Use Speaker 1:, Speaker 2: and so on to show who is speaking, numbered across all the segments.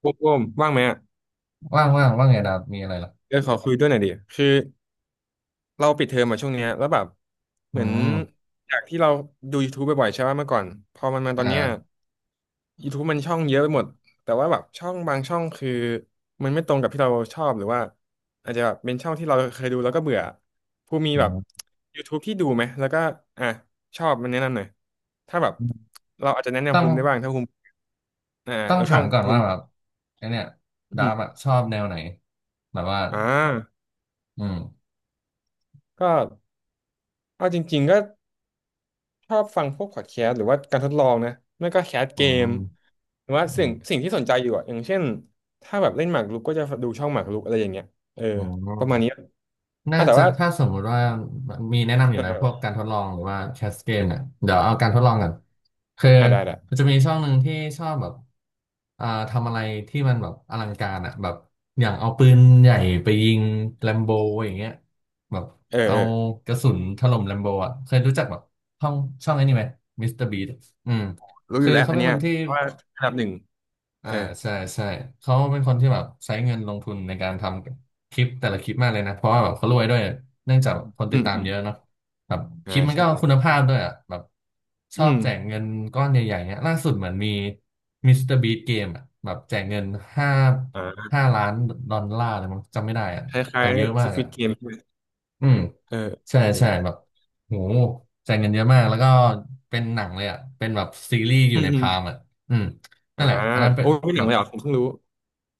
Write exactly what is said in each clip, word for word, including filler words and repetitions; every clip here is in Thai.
Speaker 1: โบมโบมว่างไหมอ่ะ
Speaker 2: ว่างว่างว่างไงดาบมีอะไรเหรอ
Speaker 1: เดี๋ยวขอคุยด้วยหน่อยดิคือเราปิดเทอมมาช่วงเนี้ยแล้วแบบเห
Speaker 2: อื
Speaker 1: มือน
Speaker 2: ม
Speaker 1: จากที่เราดู YouTube บ่อยๆใช่ไหมเมื่อก่อนพอมันมาต
Speaker 2: อ่
Speaker 1: อนเนี้ย
Speaker 2: า
Speaker 1: YouTube มันช่องเยอะไปหมดแต่ว่าแบบช่องบางช่องคือมันไม่ตรงกับที่เราชอบหรือว่าอาจจะแบบเป็นช่องที่เราเคยดูแล้วก็เบื่อผู้มี
Speaker 2: อื
Speaker 1: แบบ
Speaker 2: ม
Speaker 1: YouTube ที่ดูไหมแล้วก็อ่ะชอบมันแนะนำหน่อยถ้าแบบเราอาจจะแนะ
Speaker 2: ต้
Speaker 1: นำ
Speaker 2: อง
Speaker 1: ภูมิได้บ้างถ้าภูมิอ่า
Speaker 2: ต้อง
Speaker 1: เอา
Speaker 2: ถา
Speaker 1: ช่อง
Speaker 2: มก่อน
Speaker 1: ภู
Speaker 2: ว่า
Speaker 1: มิ
Speaker 2: แบบไอเนี่ย
Speaker 1: อื
Speaker 2: ดาบอะ
Speaker 1: ม
Speaker 2: ชอบแนวไหน แบบว่า
Speaker 1: อ่า
Speaker 2: อืม
Speaker 1: ก็เอาจริงๆก็ ชอบฟังพวกพอดแคสต์หรือว่าการทดลองนะไม่ก็แคส
Speaker 2: อื
Speaker 1: เกม
Speaker 2: ม
Speaker 1: หรือว่า
Speaker 2: อื
Speaker 1: สิ่ง
Speaker 2: ม
Speaker 1: สิ่งที่สนใจอยู่อ่ะอย่างเช่นถ้าแบบเล่นหมากรุกก็จะดูช่องหมากรุกอะไรอย่างเงี้ยเออ
Speaker 2: อืม
Speaker 1: ประมาณนี้อ่ะ
Speaker 2: น่า
Speaker 1: แต่
Speaker 2: จะ
Speaker 1: ว่า
Speaker 2: ถ้าสมมุติว่ามีแนะนำอยู่นะพวกการทดลองหรือว่าแคสเกมเนี่ยเดี๋ยวเอาการทดลองก่อนคือ
Speaker 1: อ่ะได้ได้
Speaker 2: มันจะมีช่องหนึ่งที่ชอบแบบอ่าทำอะไรที่มันแบบอลังการอ่ะแบบอย่างเอาปืนใหญ่ไปยิงแลมโบอย่างเงี้ยแบบ
Speaker 1: เออ
Speaker 2: เอา
Speaker 1: เออ
Speaker 2: กระสุนถล่มแลมโบอ่ะเคยรู้จักแบบช่องช่องไอ้นี่ไหมมิสเตอร์บีอืม
Speaker 1: รู้อ
Speaker 2: คื
Speaker 1: ยู่
Speaker 2: อ
Speaker 1: แล้ว
Speaker 2: เขา
Speaker 1: อัน
Speaker 2: เป็น
Speaker 1: เนี้
Speaker 2: ค
Speaker 1: ย
Speaker 2: นที่
Speaker 1: เพราะว่าอันดับหนึ่ง
Speaker 2: อ่า
Speaker 1: เออ
Speaker 2: ใช่ใช่เขาเป็นคนที่แบบใช้เงินลงทุนในการทำคลิปแต่ละคลิปมากเลยนะเพราะว่าแบบเขารวยด้วยเนื่องจากคนติ
Speaker 1: อื
Speaker 2: ด
Speaker 1: ม
Speaker 2: ตาม
Speaker 1: อืม
Speaker 2: เยอะเนาะแบบค
Speaker 1: อ่า
Speaker 2: ลิปมัน
Speaker 1: ใช่
Speaker 2: ก็คุณภาพด้วยอ่ะแบบช
Speaker 1: อื
Speaker 2: อบ
Speaker 1: ม
Speaker 2: แจกเงินก้อนใหญ่ๆเนี้ยล่าสุดเหมือนมีมิสเตอร์บีเกมอ่ะแบบแจกเงินห้า
Speaker 1: อ่า
Speaker 2: ห้าล้านดอลลาร์เลยมั้งจำไม่ได้อ่ะ
Speaker 1: ค
Speaker 2: แต่
Speaker 1: ล้าย
Speaker 2: เยอะ
Speaker 1: ๆ
Speaker 2: มากอ่ะ
Speaker 1: Squid Game ใช่ไหม
Speaker 2: อืม
Speaker 1: เออ
Speaker 2: ใช่
Speaker 1: เอ
Speaker 2: ใช่
Speaker 1: อ
Speaker 2: แบบโหแจกเงินเยอะมากแล้วก็เป็นหนังเลยอ่ะเป็นแบบซีรีส์อ
Speaker 1: เอออื
Speaker 2: ยู่
Speaker 1: ม
Speaker 2: ใน
Speaker 1: อืม
Speaker 2: พามอ่ะอืมนั่
Speaker 1: อ่า
Speaker 2: นแหละอันนั้นเป็น
Speaker 1: โอ้ยไม่ห
Speaker 2: แบ
Speaker 1: นัง
Speaker 2: บ
Speaker 1: เลยเหรอผมเพิ่งรู้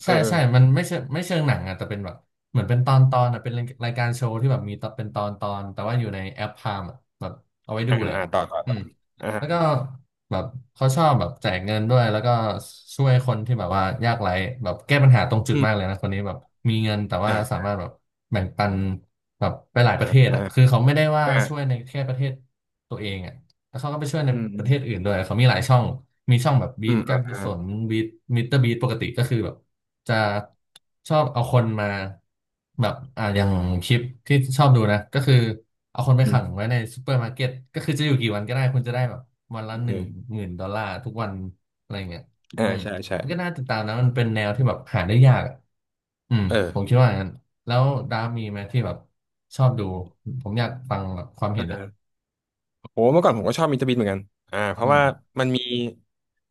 Speaker 1: เอ
Speaker 2: ใช่
Speaker 1: อเออ
Speaker 2: ใช่มันไม่เชิงไม่เชิงหนังอ่ะแต่เป็นแบบเหมือนเป็นตอนตอนอ่ะเป็นรายการโชว์ที่แบบมีตอนเป็นตอนตอนแต่ว่าอยู่ในแอปพามอ่ะแบบเอาไว้ดู
Speaker 1: อ่า
Speaker 2: เลย
Speaker 1: อ่า
Speaker 2: อะ
Speaker 1: ต่อต่อ
Speaker 2: อื
Speaker 1: ต่อ
Speaker 2: ม
Speaker 1: อ่า
Speaker 2: แล้วก็แบบเขาชอบแบบแจกเงินด้วยแล้วก็ช่วยคนที่แบบว่ายากไร้แบบแก้ปัญหาตรงจุด
Speaker 1: อื
Speaker 2: มากเล
Speaker 1: ม
Speaker 2: ยนะคนนี้แบบมีเงินแต่ว่า
Speaker 1: อ่
Speaker 2: สา
Speaker 1: า
Speaker 2: มารถแบบแบ่งปันแบบไปหลายป
Speaker 1: อ่า
Speaker 2: ระเทศ
Speaker 1: อ่า
Speaker 2: อ่ะคือเขาไม่ได้ว่า
Speaker 1: อ่า
Speaker 2: ช่วยในแค่ประเทศตัวเองอ่ะ แล้วเขาก็ไปช่วยใน
Speaker 1: อืม
Speaker 2: ป
Speaker 1: อื
Speaker 2: ระ
Speaker 1: ม
Speaker 2: เทศอื่นด้วยเขามีหลายช่อง มีช่องแบบบี
Speaker 1: อื
Speaker 2: ท
Speaker 1: ม
Speaker 2: กา
Speaker 1: อ่า
Speaker 2: รกุศลบีทมิเตอร์บีทปกติก็คือแบบจะชอบเอาคนมาแบบอ่าอย่างคลิปที่ชอบดูนะก็คือเอาคนไป
Speaker 1: อื
Speaker 2: ขังไว้
Speaker 1: ม
Speaker 2: ในซูเปอร์มาร์เก็ตก็คือจะอยู่กี่วันก็ได้คุณจะได้แบบวันละห
Speaker 1: เอ
Speaker 2: นึ่ง
Speaker 1: อ
Speaker 2: หมื่นดอลลาร์ทุกวันอะไรเงี้ย
Speaker 1: อ่า
Speaker 2: อืม
Speaker 1: ใช่ใช่
Speaker 2: มันก็น่าติดตามนะมันเป็นแนวที่แบบหาได้ยากอะอืม
Speaker 1: เอ
Speaker 2: ผมคิ
Speaker 1: อ
Speaker 2: ดว่าอย่างนั้นแล้วดาฟมีไหมที่แบบชอบดูผมอยากฟังแบบความ
Speaker 1: เอ
Speaker 2: เห็
Speaker 1: อ
Speaker 2: นอ่ะ
Speaker 1: โหเมื่อก่อนผมก็ชอบมิสเตอร์บีนเหมือนกันอ่าเพ
Speaker 2: อื
Speaker 1: ราะ
Speaker 2: ม
Speaker 1: ว่ามันมี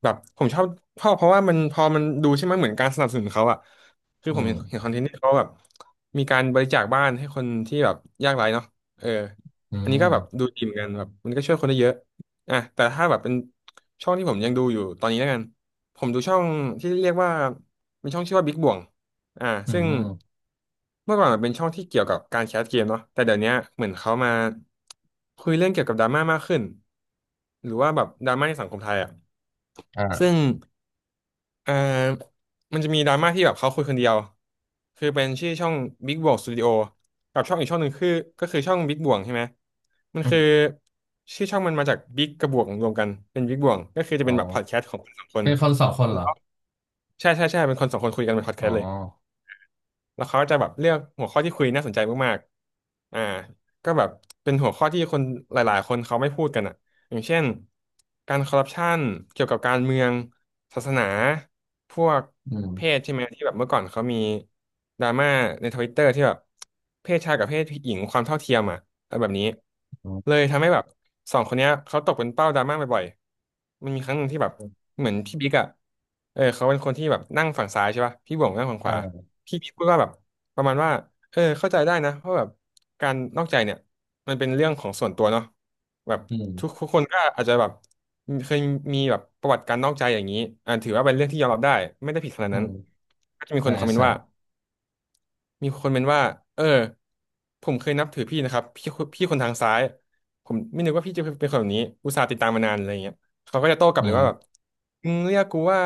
Speaker 1: แบบผมชอบเพราะเพราะว่ามันพอมันดูใช่ไหมเหมือนการสนับสนุนเขาอะคือ
Speaker 2: อื
Speaker 1: ผม
Speaker 2: ม
Speaker 1: เห็นเห็นคอนเทนต์ที่เขาแบบมีการบริจาคบ้านให้คนที่แบบยากไร้เนาะเออ
Speaker 2: อื
Speaker 1: อันนี้ก็แบบ
Speaker 2: ม
Speaker 1: ดูดีเหมือนกันแบบมันก็ช่วยคนได้เยอะอ่ะแต่ถ้าแบบเป็นช่องที่ผมยังดูอยู่ตอนนี้แล้วกันผมดูช่องที่เรียกว่าเป็นช่องชื่อว่าบิ๊กบ่วง อ่า
Speaker 2: อื
Speaker 1: ซึ่ง
Speaker 2: ม
Speaker 1: เมื่อก่อนมันเป็นช่องที่เกี่ยวกับการแคสเกมเนาะแต่เดี๋ยวเนี้ยเหมือนเขามาคุยเรื่องเกี่ยวกับดราม่ามากขึ้นหรือว่าแบบดราม่าในสังคมไทยอ่ะซึ่
Speaker 2: อ่า
Speaker 1: งอ่ามันจะมีดราม่าที่แบบเขาคุยคนเดียวคือเป็นชื่อช่อง Big Bang Studio กับช่องอีกช่องหนึ่งคือก็คือช่อง Big Bang ใช่ไหมมัน
Speaker 2: อื
Speaker 1: คือ
Speaker 2: ม
Speaker 1: ชื่อช่องมันมาจาก Big กับบวกรวมกันเป็น Big Bang ก็คือจะ
Speaker 2: อ๋
Speaker 1: เป็นแบบพอด
Speaker 2: อ
Speaker 1: แคสต์ของคนสองคน
Speaker 2: เป็นคนสองคน
Speaker 1: แล้
Speaker 2: เหรอ
Speaker 1: วใช่ใช่ใช่เป็นคนสองคนคุยกันเป็นพอดแค
Speaker 2: อ๋อ
Speaker 1: สต์เลย แล้วเขาก็จะแบบเลือกหัวข้อที่คุยน่าสนใจมากๆอ่าก็แบบเป็นหัวข้อที่คนหลายๆคนเขาไม่พูดกันอ่ะอย่างเช่นการคอร์รัปชันเกี่ยวกับการเมืองศาสนาพวก
Speaker 2: อืม
Speaker 1: เพศใช่ไหมที่แบบเมื่อก่อนเขามีดราม่าในทวิตเตอร์ที่แบบเพศชายกับเพศหญิงความเท่าเทียมอ่ะอะไรแบบนี้
Speaker 2: อืม
Speaker 1: เลยทำให้แบบสองคนเนี้ยเขาตกเป็นเป้าดราม่าบ่อยๆ มันมีครั้งหนึ่งที่แบบเหมือนพี่บิ๊กอ่ะเออเขาเป็นคนที่แบบนั่งฝั่งซ้ายใช่ป่ะพี่บ่วงนั่งฝั่งขวา
Speaker 2: อ่า
Speaker 1: พี่พี่พูดว่าแบบประมาณว่าเออเข้าใจได้นะเพราะแบบการนอกใจเนี่ยมันเป็นเรื่องของส่วนตัวเนาะแบบ
Speaker 2: อื
Speaker 1: ทุก
Speaker 2: ม
Speaker 1: ทุกคนก็อาจจะแบบมีเคยมีแบบประวัติการนอกใจอย่างนี้อ่าถือว่าเป็นเรื่องที่ยอมรับได้ไม่ได้ผิดขนาด
Speaker 2: อื
Speaker 1: นั้น
Speaker 2: ม
Speaker 1: ก็จะมี
Speaker 2: ใช่
Speaker 1: คนคอมเมน
Speaker 2: ใช่
Speaker 1: ต์ว่า มีคนเป็นว่าเออผมเคยนับถือพี่นะครับพี่พี่คนทางซ้ายผมไม่นึกว่าพี่จะเป็นคนแบบนี้อุตส่าห์ติดตามมานานอะไรเงี้ยเขาก็จะโต้กลั
Speaker 2: อื
Speaker 1: บเลยว่าแบบ
Speaker 2: ม
Speaker 1: มึงเรียกกูว่า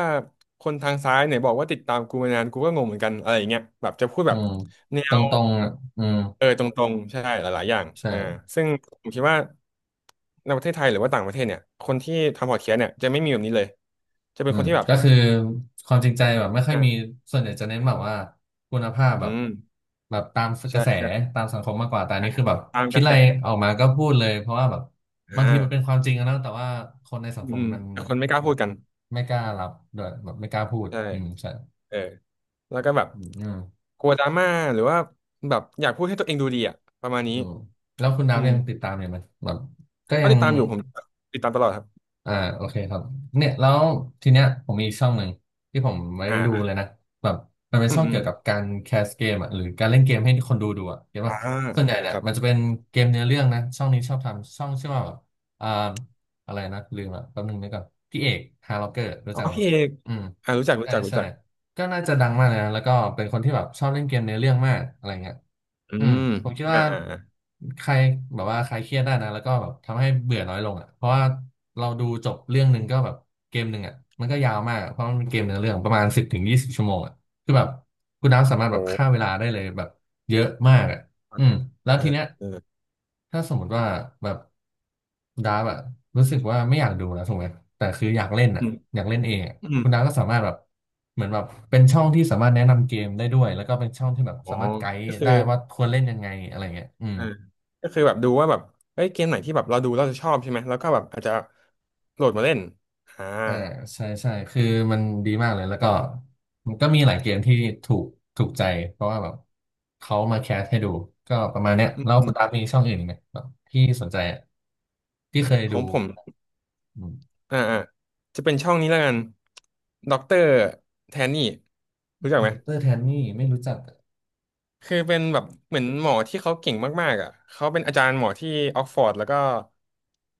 Speaker 1: คนทางซ้ายไหนบอกว่าติดตามกูมานานกูก็งงเหมือนกันอะไรอย่างเงี้ยแบบจะพูดแบ
Speaker 2: อื
Speaker 1: บ
Speaker 2: ม
Speaker 1: แน
Speaker 2: ตรง
Speaker 1: ว
Speaker 2: ตรงอ่ะอืม
Speaker 1: เออตรงๆใช่หลายๆอย่างอ่า
Speaker 2: ใช่
Speaker 1: ซึ่งผมคิดว่าในประเทศไทยหรือว่าต่างประเทศเนี่ยคนที่ทำพอดแคสต์เนี่ยจะไม่มีแบบนี้เลยจะเป็
Speaker 2: อื
Speaker 1: นค
Speaker 2: ม
Speaker 1: นที่แบบ
Speaker 2: ก็คือความจริงใจแบบไม่ค่อยมี
Speaker 1: อ่า
Speaker 2: ส่วนใหญ่จะเน้นแบบว่าคุณภาพ
Speaker 1: อื
Speaker 2: แบบ
Speaker 1: ม
Speaker 2: แบบตามก
Speaker 1: ใช่
Speaker 2: ระแส
Speaker 1: ใช่
Speaker 2: ตามสังคมมากกว่า แต่อัน
Speaker 1: อ่า
Speaker 2: นี้คือแบบ
Speaker 1: ตาม
Speaker 2: คิ
Speaker 1: ก
Speaker 2: ด
Speaker 1: ระ
Speaker 2: อะ
Speaker 1: แส
Speaker 2: ไรออกมาก็พูดเลย เพราะว่าแบบ
Speaker 1: อ่
Speaker 2: บางทีมันเป็น
Speaker 1: า
Speaker 2: ความจริงอะนะแต่ว่าคนในสัง
Speaker 1: อื
Speaker 2: คม
Speaker 1: ม
Speaker 2: มัน
Speaker 1: แต่คนไม่กล้า
Speaker 2: แบ
Speaker 1: พู
Speaker 2: บ
Speaker 1: ดกัน
Speaker 2: ไม่กล้ารับด้วยแบบไม่กล้าพูด
Speaker 1: ใช่
Speaker 2: อืมใช่
Speaker 1: เออแล้วก็แบบ
Speaker 2: อืมอืม
Speaker 1: กลัวดราม่าหรือว่าแบบอยากพูดให้ตัวเองดูดีอ่ะประมาณ
Speaker 2: อื
Speaker 1: นี้
Speaker 2: มแล้วคุณดั
Speaker 1: อื
Speaker 2: บ
Speaker 1: ม
Speaker 2: ยังติดตามอยู่ไหมแบบก็
Speaker 1: ก็
Speaker 2: ยัง
Speaker 1: ติดตามอยู่ผมติดตามตลอดครับ
Speaker 2: อ่าโอเคครับเนี่ยแล้วทีเนี้ยผมมีอีกช่องหนึ่งที่ผมไม่
Speaker 1: อ่
Speaker 2: ดู
Speaker 1: า
Speaker 2: เลยนะแบบมันเป็น
Speaker 1: อืม
Speaker 2: ช่อง
Speaker 1: อื
Speaker 2: เกี่
Speaker 1: ม
Speaker 2: ยวกับการแคสเกมอ่ะหรือการเล่นเกมให้คนดูดูอ่ะเห็นป่ะ
Speaker 1: อ่า
Speaker 2: ส่วนใหญ่
Speaker 1: เออ
Speaker 2: เนี่ย
Speaker 1: ครับ
Speaker 2: มันจะเป็นเกมเนื้อเรื่องนะช่องนี้ชอบทำช่องชื่อว่าแบบอ่าอะไรนะลืมอ่ะแป๊บนึงนึกก่อนพี่เอกฮาร์ล็อกเกอร์รู้
Speaker 1: อ๋อ
Speaker 2: จักไหม
Speaker 1: พี่เอก
Speaker 2: อืม
Speaker 1: อ่ารู้จักรู้
Speaker 2: ใช่
Speaker 1: จักรู้
Speaker 2: ใช่
Speaker 1: จัก
Speaker 2: ก็น่าจะดังมากเลยนะแล้วก็เป็นคนที่แบบชอบเล่นเกมเนื้อเรื่องมากอะไรเงี้ย
Speaker 1: อื
Speaker 2: อืม
Speaker 1: ม
Speaker 2: ผมคิด
Speaker 1: อ่า
Speaker 2: ว่า
Speaker 1: อ่าอ่า
Speaker 2: ใครแบบว่าใครเครียดได้นะแล้วก็แบบทำให้เบื่อน้อยลงอ่ะเพราะว่าเราดูจบเรื่องหนึ่งก็แบบเกมหนึ่งอ่ะมันก็ยาวมากอะเพราะมันเป็นเกมเนื้อเรื่องประมาณสิบถึงยี่สิบชั่วโมงอ่ะคือแบบคุณน้ำสามารถ
Speaker 1: โห
Speaker 2: แบบฆ่าเวลาได้เลยแบบเยอะมากอ่ะ อืมแล้ว
Speaker 1: เอ
Speaker 2: ที
Speaker 1: อ
Speaker 2: เนี้ย
Speaker 1: เออ
Speaker 2: ถ้าสมมติว่าแบบดาร์ฟอะรู้สึกว่าไม่อยากดูนะถูกไหมติแต่คืออยากเล่นอะ
Speaker 1: อืม
Speaker 2: อยากเล่นเองอะ
Speaker 1: อืม
Speaker 2: คุณดาร์ฟก็สามารถแบบเหมือนแบบเป็นช่องที่สามารถแนะนำเกมได้ด้วยแล้วก็เป็นช่องที่แบบ
Speaker 1: อ๋
Speaker 2: สา
Speaker 1: อ
Speaker 2: มารถไกด์
Speaker 1: ก็คือ
Speaker 2: ได้ว่าควรเล่นยังไงอะไรเงี้ยอืม
Speaker 1: อ่าก็คือแบบดูว่าแบบเฮ้ยเกมไหนที่แบบเราดูเราจะชอบใช่ไหมแล้วก็แบบอาจจะโหลดมาเล่นอ่า
Speaker 2: เออใช่ใช่คือมันดีมากเลยแล้วก็มันก็มีหลายเกมที่ถูกถูกใจเพราะว่าแบบเขามาแคสให้ดูก็ประมาณเนี้ย
Speaker 1: อืม
Speaker 2: แล้ว
Speaker 1: อื
Speaker 2: คุณ
Speaker 1: ม
Speaker 2: ดาฟมีช่องอื่นอีกไหมแบบที่สนใจอะที่เคย
Speaker 1: ข
Speaker 2: ดู
Speaker 1: องผม อ่าอ่าจะเป็นช่องนี้แล้วกันด็อกเตอร์แทนนี่รู้จักไหม
Speaker 2: ดอกเตอร์แทนนี่ไม่รู้จักอะ
Speaker 1: คือเป็นแบบเหมือนหมอที่เขาเก่งมากๆอ่ะเขาเป็นอาจารย์หมอที่ออกฟอร์ดแล้วก็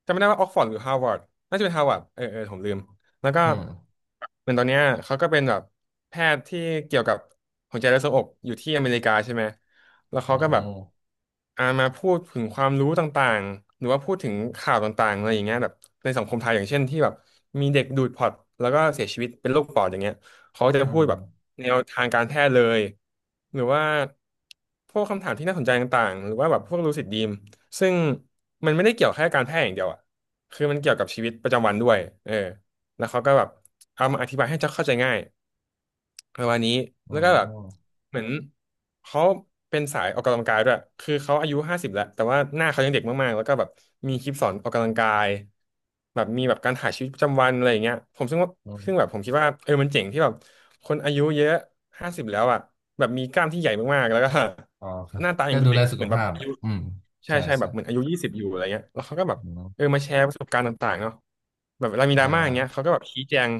Speaker 1: จำไม่ได้ว่าออกฟอร์ดหรือฮาร์วาร์ดน่าจะเป็นฮาร์วาร์ดเออเออผมลืมแล้วก็
Speaker 2: อืม
Speaker 1: เหมือนตอนเนี้ยเขาก็เป็นแบบแพทย์ที่เกี่ยวกับหัวใจและทรวงอกอยู่ที่อเมริกาใช่ไหมแล้ว
Speaker 2: อื
Speaker 1: เขาก็แบบ
Speaker 2: ม
Speaker 1: อ่ามาพูดถึงความรู้ต่างๆหรือว่าพูดถึงข่าวต่างๆอะไรอย่างเงี้ยแบบในสังคมไทยอย่างเช่นที่แบบมีเด็กดูดพอร์ตแล้วก็เสียชีวิตเป็นโรคปอดอย่างเงี้ย เขาจะ
Speaker 2: อื
Speaker 1: พูดแบบ
Speaker 2: ม
Speaker 1: แนวทางการแพทย์เลยหรือว่าพวกคำถามที่น่าสนใจต่างๆหรือว่าแบบพวกลูซิดดรีมซึ่งมันไม่ได้เกี่ยวแค่การแพทย์อย่างเดียวอ่ะคือมันเกี่ยวกับชีวิตประจำวันด้วยเออแล้วเขาก็แบบเอามาอธิบายให้เข้าใจง่าย ประมาณนี้
Speaker 2: อื
Speaker 1: แล้วก็แบบ
Speaker 2: ม
Speaker 1: เหมือนเขาเป็นสายออกกำลังกายด้วยคือเขาอายุห้าสิบแล้วแต่ว่าหน้าเขายังเด็กมากๆแล้วก็แบบมีคลิปสอนออกกำลังกายแบบมีแบบการถ่ายชีวิตประจำวันอะไรอย่างเงี้ยผมซึ่งว่า
Speaker 2: อื
Speaker 1: ซึ่งแบบ
Speaker 2: ม
Speaker 1: ผมคิดว่าเออมันเจ๋งที่แบบคนอายุเยอะห้าสิบแล้วอ่ะแบบมีกล้ามที่ใหญ่มากๆแล้วก็
Speaker 2: อ๋อครั บ
Speaker 1: หน้าตายั
Speaker 2: ก็
Speaker 1: งดู
Speaker 2: ดู
Speaker 1: เด็
Speaker 2: แล
Speaker 1: กอะ
Speaker 2: สุ
Speaker 1: เห
Speaker 2: ข
Speaker 1: มือนแบบ
Speaker 2: ภาพ
Speaker 1: อา
Speaker 2: อ่ะ
Speaker 1: ยุ
Speaker 2: อืม
Speaker 1: ใช่
Speaker 2: ใช่
Speaker 1: ใช่แบ
Speaker 2: ใช่
Speaker 1: บเหมือนอายุยี่สิบอยู่อะไรเงี้ยแล้วเขาก็แบบ
Speaker 2: อืม
Speaker 1: เออมาแชร์ประสบการณ์ต่างๆเนาะแบบเวลามีด
Speaker 2: อ่
Speaker 1: ราม่าอย่างเงี้ยเขา
Speaker 2: า
Speaker 1: ก็แบบชี้แจง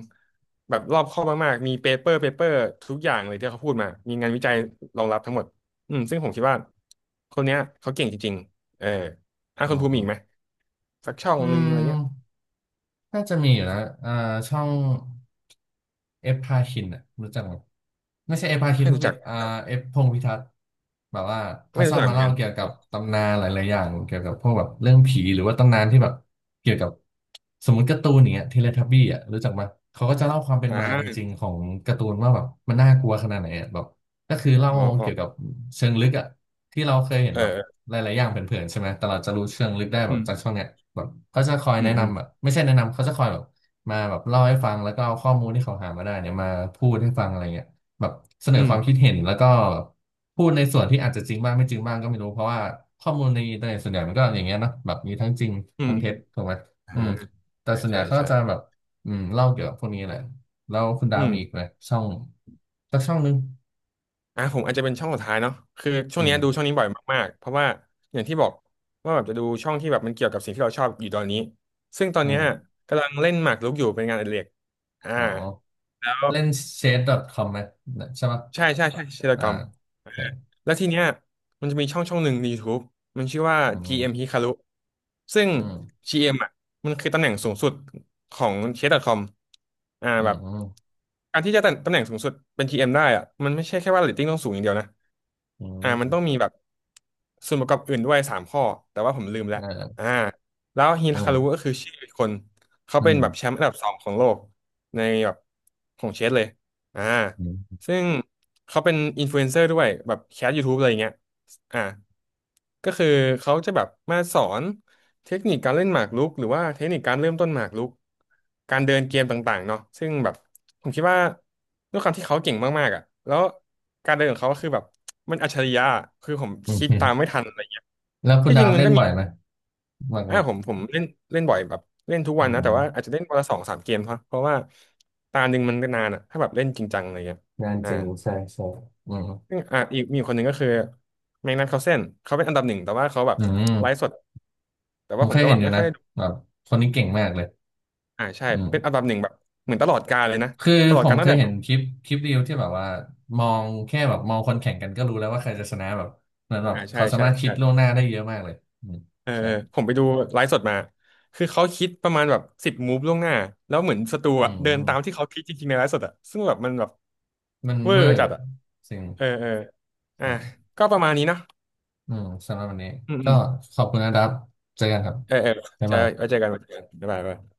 Speaker 1: แบบรอบคอบมากๆมีเปเปอร์เปเปอร์ทุกอย่างเลยที่เขาพูดมามีงานวิจัยรองรับทั้งหมดอืมซึ่งผมคิดว่าคนเนี้ยเขาเก่งจริงๆเออถ้า
Speaker 2: อื
Speaker 1: คน
Speaker 2: ม
Speaker 1: ภู
Speaker 2: อื
Speaker 1: มิอี
Speaker 2: ม
Speaker 1: กไหมสักช่อง
Speaker 2: อื
Speaker 1: นึง
Speaker 2: ม
Speaker 1: อะไรเงี้ย
Speaker 2: น่าจะมีอยู่นะอ่าช่องเอฟพาคินอ่ะรู้จักไหมไม่ใช่เอฟพาคิน
Speaker 1: ไม่
Speaker 2: ผู้
Speaker 1: รู้
Speaker 2: ผิ
Speaker 1: จั
Speaker 2: ด
Speaker 1: ก
Speaker 2: อ่าเอฟพงษ์พิทักษ์แบบว่าเขา
Speaker 1: ไม่
Speaker 2: ช
Speaker 1: รู้
Speaker 2: อบ
Speaker 1: จัก
Speaker 2: มา
Speaker 1: เหมือน
Speaker 2: เล่า
Speaker 1: กัน
Speaker 2: เกี่ยวกับตำนานหลายๆอย่างเกี่ยวกับพวกแบบเรื่องผีหรือว่าตำนานที่แบบเกี่ยวกับสมมติการ์ตูนอย่างเงี้ยเทเลทับบี้อ่ะรู้จักไหมเขาก็จะเล่าความเป็น
Speaker 1: อ่
Speaker 2: มาจริง
Speaker 1: า
Speaker 2: ๆ ของการ์ตูนว่าแบบมันน่ากลัวขนาดไหนอะแบบ ก็คือเล่า
Speaker 1: อ๋ออ๋อ
Speaker 2: เกี่ยวกับเชิงลึกอะที่เราเคยเห็นแบบ
Speaker 1: เออ
Speaker 2: หลายๆอย่างเผินๆใช่ไหมแต่เราจะรู้เชิงลึกได้
Speaker 1: เออ
Speaker 2: แบ
Speaker 1: อื
Speaker 2: บ
Speaker 1: ม
Speaker 2: จากช่วงเนี้ยแบบเขาจะคอย
Speaker 1: อื
Speaker 2: แนะ
Speaker 1: มอืม
Speaker 2: นำแบบไม่ใช่แนะนำเขาจะคอยแบบมาแบบเล่าให้ฟังแล้วก็เอาข้อมูลที่เขาหามาได้เนี่ยมาพูดให้ฟังอะไรเงี้ยแบบเสน
Speaker 1: อื
Speaker 2: อความคิด
Speaker 1: ม
Speaker 2: เห็นแล้วก็พูดในส่วนที่อาจจะจริงบ้างไม่จริงบ้างก็ไม่รู้เพราะว่าข้อมูลในอินเทอร์เน็ตส่วนใหญ่มันก็อย่างเงี้ยเนาะแบบมีทั้งจริง
Speaker 1: อื
Speaker 2: ทั้
Speaker 1: ม
Speaker 2: งเท็จถูกไหม
Speaker 1: อ่า
Speaker 2: อืมแต่ส่วนให
Speaker 1: ใช่
Speaker 2: ญ่เขาก็
Speaker 1: ใช่
Speaker 2: จะแบบอืมเล่าเกี่ยวกับพวกนี้แหละแล้วคุณดาว
Speaker 1: อืม
Speaker 2: มีอีกไหมช่องสักช่องนึง
Speaker 1: อ่ะผมอาจจะเป็นช่องสุดท้ายเนาะคือช่ว
Speaker 2: อื
Speaker 1: งเนี้ยดูช่อง
Speaker 2: ม
Speaker 1: นี้บ่อยมากๆเพราะว่าอย่างที่บอกว่าแบบจะดูช่องที่แบบมันเกี่ยวกับสิ่งที่เราชอบอยู่ตอนนี้ซึ่งตอน
Speaker 2: อื
Speaker 1: เนี้ย
Speaker 2: ม
Speaker 1: กำลังเล่นหมากรุกอยู่เป็นงานอดิเรกอ่า
Speaker 2: อ๋อ
Speaker 1: แล้ว
Speaker 2: เล่น ซี เอช ดอทคอมไหมใช่ปะ
Speaker 1: ใช่ใช่ใช่เชล
Speaker 2: อ่า
Speaker 1: กอม
Speaker 2: โอเค
Speaker 1: แล้วทีเนี้ยมันจะมีช่องช่องหนึ่งใน y ู u มันชื่อว่า
Speaker 2: อื
Speaker 1: จี เอ็ม
Speaker 2: ม
Speaker 1: Hikaru ซึ่ง
Speaker 2: อืม
Speaker 1: จี เอ็ม อมอ่ะมันคือตำแหน่งสูงสุดของเชฟด .com อมอ่า
Speaker 2: อื
Speaker 1: แบ
Speaker 2: ม
Speaker 1: บ
Speaker 2: อืม
Speaker 1: การที่จะตำตำแหน่งสูงสุดเป็น จี เอ็ม ได้อ่ะมันไม่ใช่แค่ว่าเรตติ้งต้องสูงอย่างเดียวนะ
Speaker 2: อื
Speaker 1: อ่ามันต้องมี
Speaker 2: ม
Speaker 1: แบบส่วนประกอบอื่นด้วยสามข้อแต่ว่าผมลืมแล้วอ่า
Speaker 2: เออ
Speaker 1: แล้วฮิ
Speaker 2: อื
Speaker 1: คารุก็
Speaker 2: ม
Speaker 1: คือชื่ออีกคนเขา
Speaker 2: อื
Speaker 1: เป็น
Speaker 2: ม
Speaker 1: แบบแชมป์อันดับสองของโลกในแบบของเชสเลยอ่า
Speaker 2: อืม
Speaker 1: ซึ่งเขาเป็นอินฟลูเอนเซอร์ด้วยแบบแคส YouTube อะไรอย่างเงี้ยอ่าก็คือเขาจะแบบมาสอนเทคนิคการเล่นหมากรุกหรือว่าเทคนิคการเริ่มต้นหมากรุกการเดินเกมต่างๆเนาะซึ่งแบบผมคิดว่าด้วยความที่เขาเก่งมากๆอ่ะแล้วการเดินของเขาก็คือแบบมันอัจฉริยะคือผม
Speaker 2: อื
Speaker 1: คิดตามไม่
Speaker 2: ม
Speaker 1: ทันอะไรเงี้ย
Speaker 2: แล้วคุณ
Speaker 1: ที่จ
Speaker 2: ดา
Speaker 1: ริง
Speaker 2: ม
Speaker 1: มัน
Speaker 2: เล่น
Speaker 1: ก็มี
Speaker 2: บ่อยไหมบ่อยค
Speaker 1: อ่า
Speaker 2: รับ
Speaker 1: ผมผมเล่นเล่นบ่อยแบบเล่นทุกวั
Speaker 2: อื
Speaker 1: นนะแต่ว่าอาจ
Speaker 2: ม
Speaker 1: จะเล่นวันละสองสามเกมเพราะเพราะว่าตาหนึ่งมันก็นานอ่ะถ้าแบบเล่นจริงจังอะไรเงี้ย
Speaker 2: งาน
Speaker 1: อ่า
Speaker 2: จริงใช่ใช่อืม
Speaker 1: ซึ่งอ่ะอีกมีคนหนึ่งก็คือแมกนัสคาร์ลเซนเขาเป็นอันดับหนึ่งแต่ว่าเขาแบบ
Speaker 2: อืม
Speaker 1: ไลฟ์สดแต่
Speaker 2: ผ
Speaker 1: ว่า
Speaker 2: ม
Speaker 1: ผ
Speaker 2: เค
Speaker 1: ม
Speaker 2: ย
Speaker 1: ก็
Speaker 2: เห็
Speaker 1: แบ
Speaker 2: น
Speaker 1: บ
Speaker 2: อยู่
Speaker 1: ไม่ค่อ
Speaker 2: นะ
Speaker 1: ยได้ดู
Speaker 2: แบบคนนี้เก่งมากเลย
Speaker 1: อ่าใช่
Speaker 2: อื
Speaker 1: เป็นอัน
Speaker 2: ม
Speaker 1: ดับหนึ่งแบบเหมือนตลอดกาลเลยนะ
Speaker 2: คือ
Speaker 1: ตลอ
Speaker 2: ผ
Speaker 1: ดกา
Speaker 2: ม
Speaker 1: ล
Speaker 2: เค
Speaker 1: ตั้ง
Speaker 2: ย
Speaker 1: แต่
Speaker 2: เห็นคลิปคลิปเรียวที่แบบว่ามองแค่แบบมองคนแข่งกันก็รู้แล้วว่าใครจะชนะแบบเหมือนแบบ
Speaker 1: อ่าใช่
Speaker 2: เขาสา
Speaker 1: ใช่
Speaker 2: มารถคิดล่วง
Speaker 1: ใช่
Speaker 2: หน้าได้เยอะมากเลยอืม
Speaker 1: เออ
Speaker 2: ใช่
Speaker 1: เออผมไปดูไลฟ์สดมาคือเขาคิดประมาณแบบสิบมูฟล่วงหน้าแล้วเหมือนสตู
Speaker 2: อื
Speaker 1: อะเดินตามที่
Speaker 2: ม
Speaker 1: เขาคิดจริงๆในไลฟ์สดอะซึ่งแบบมันแบบ
Speaker 2: มัน
Speaker 1: เวอ
Speaker 2: เว
Speaker 1: ร์
Speaker 2: อร์
Speaker 1: จัดอะ
Speaker 2: สิ่ง
Speaker 1: เออเอออ่ะ
Speaker 2: ใช่
Speaker 1: ก็ประมาณนี้เนอะ
Speaker 2: อืมสำหรับวันนี้
Speaker 1: อืมอื
Speaker 2: ก็
Speaker 1: ม
Speaker 2: ขอบคุณนะครับเจอกันครับ
Speaker 1: เออเออ
Speaker 2: บ๊าย
Speaker 1: ใช่
Speaker 2: บา
Speaker 1: ไว้เจ
Speaker 2: ย
Speaker 1: อกันไว้เจอกันบ๊ายบาย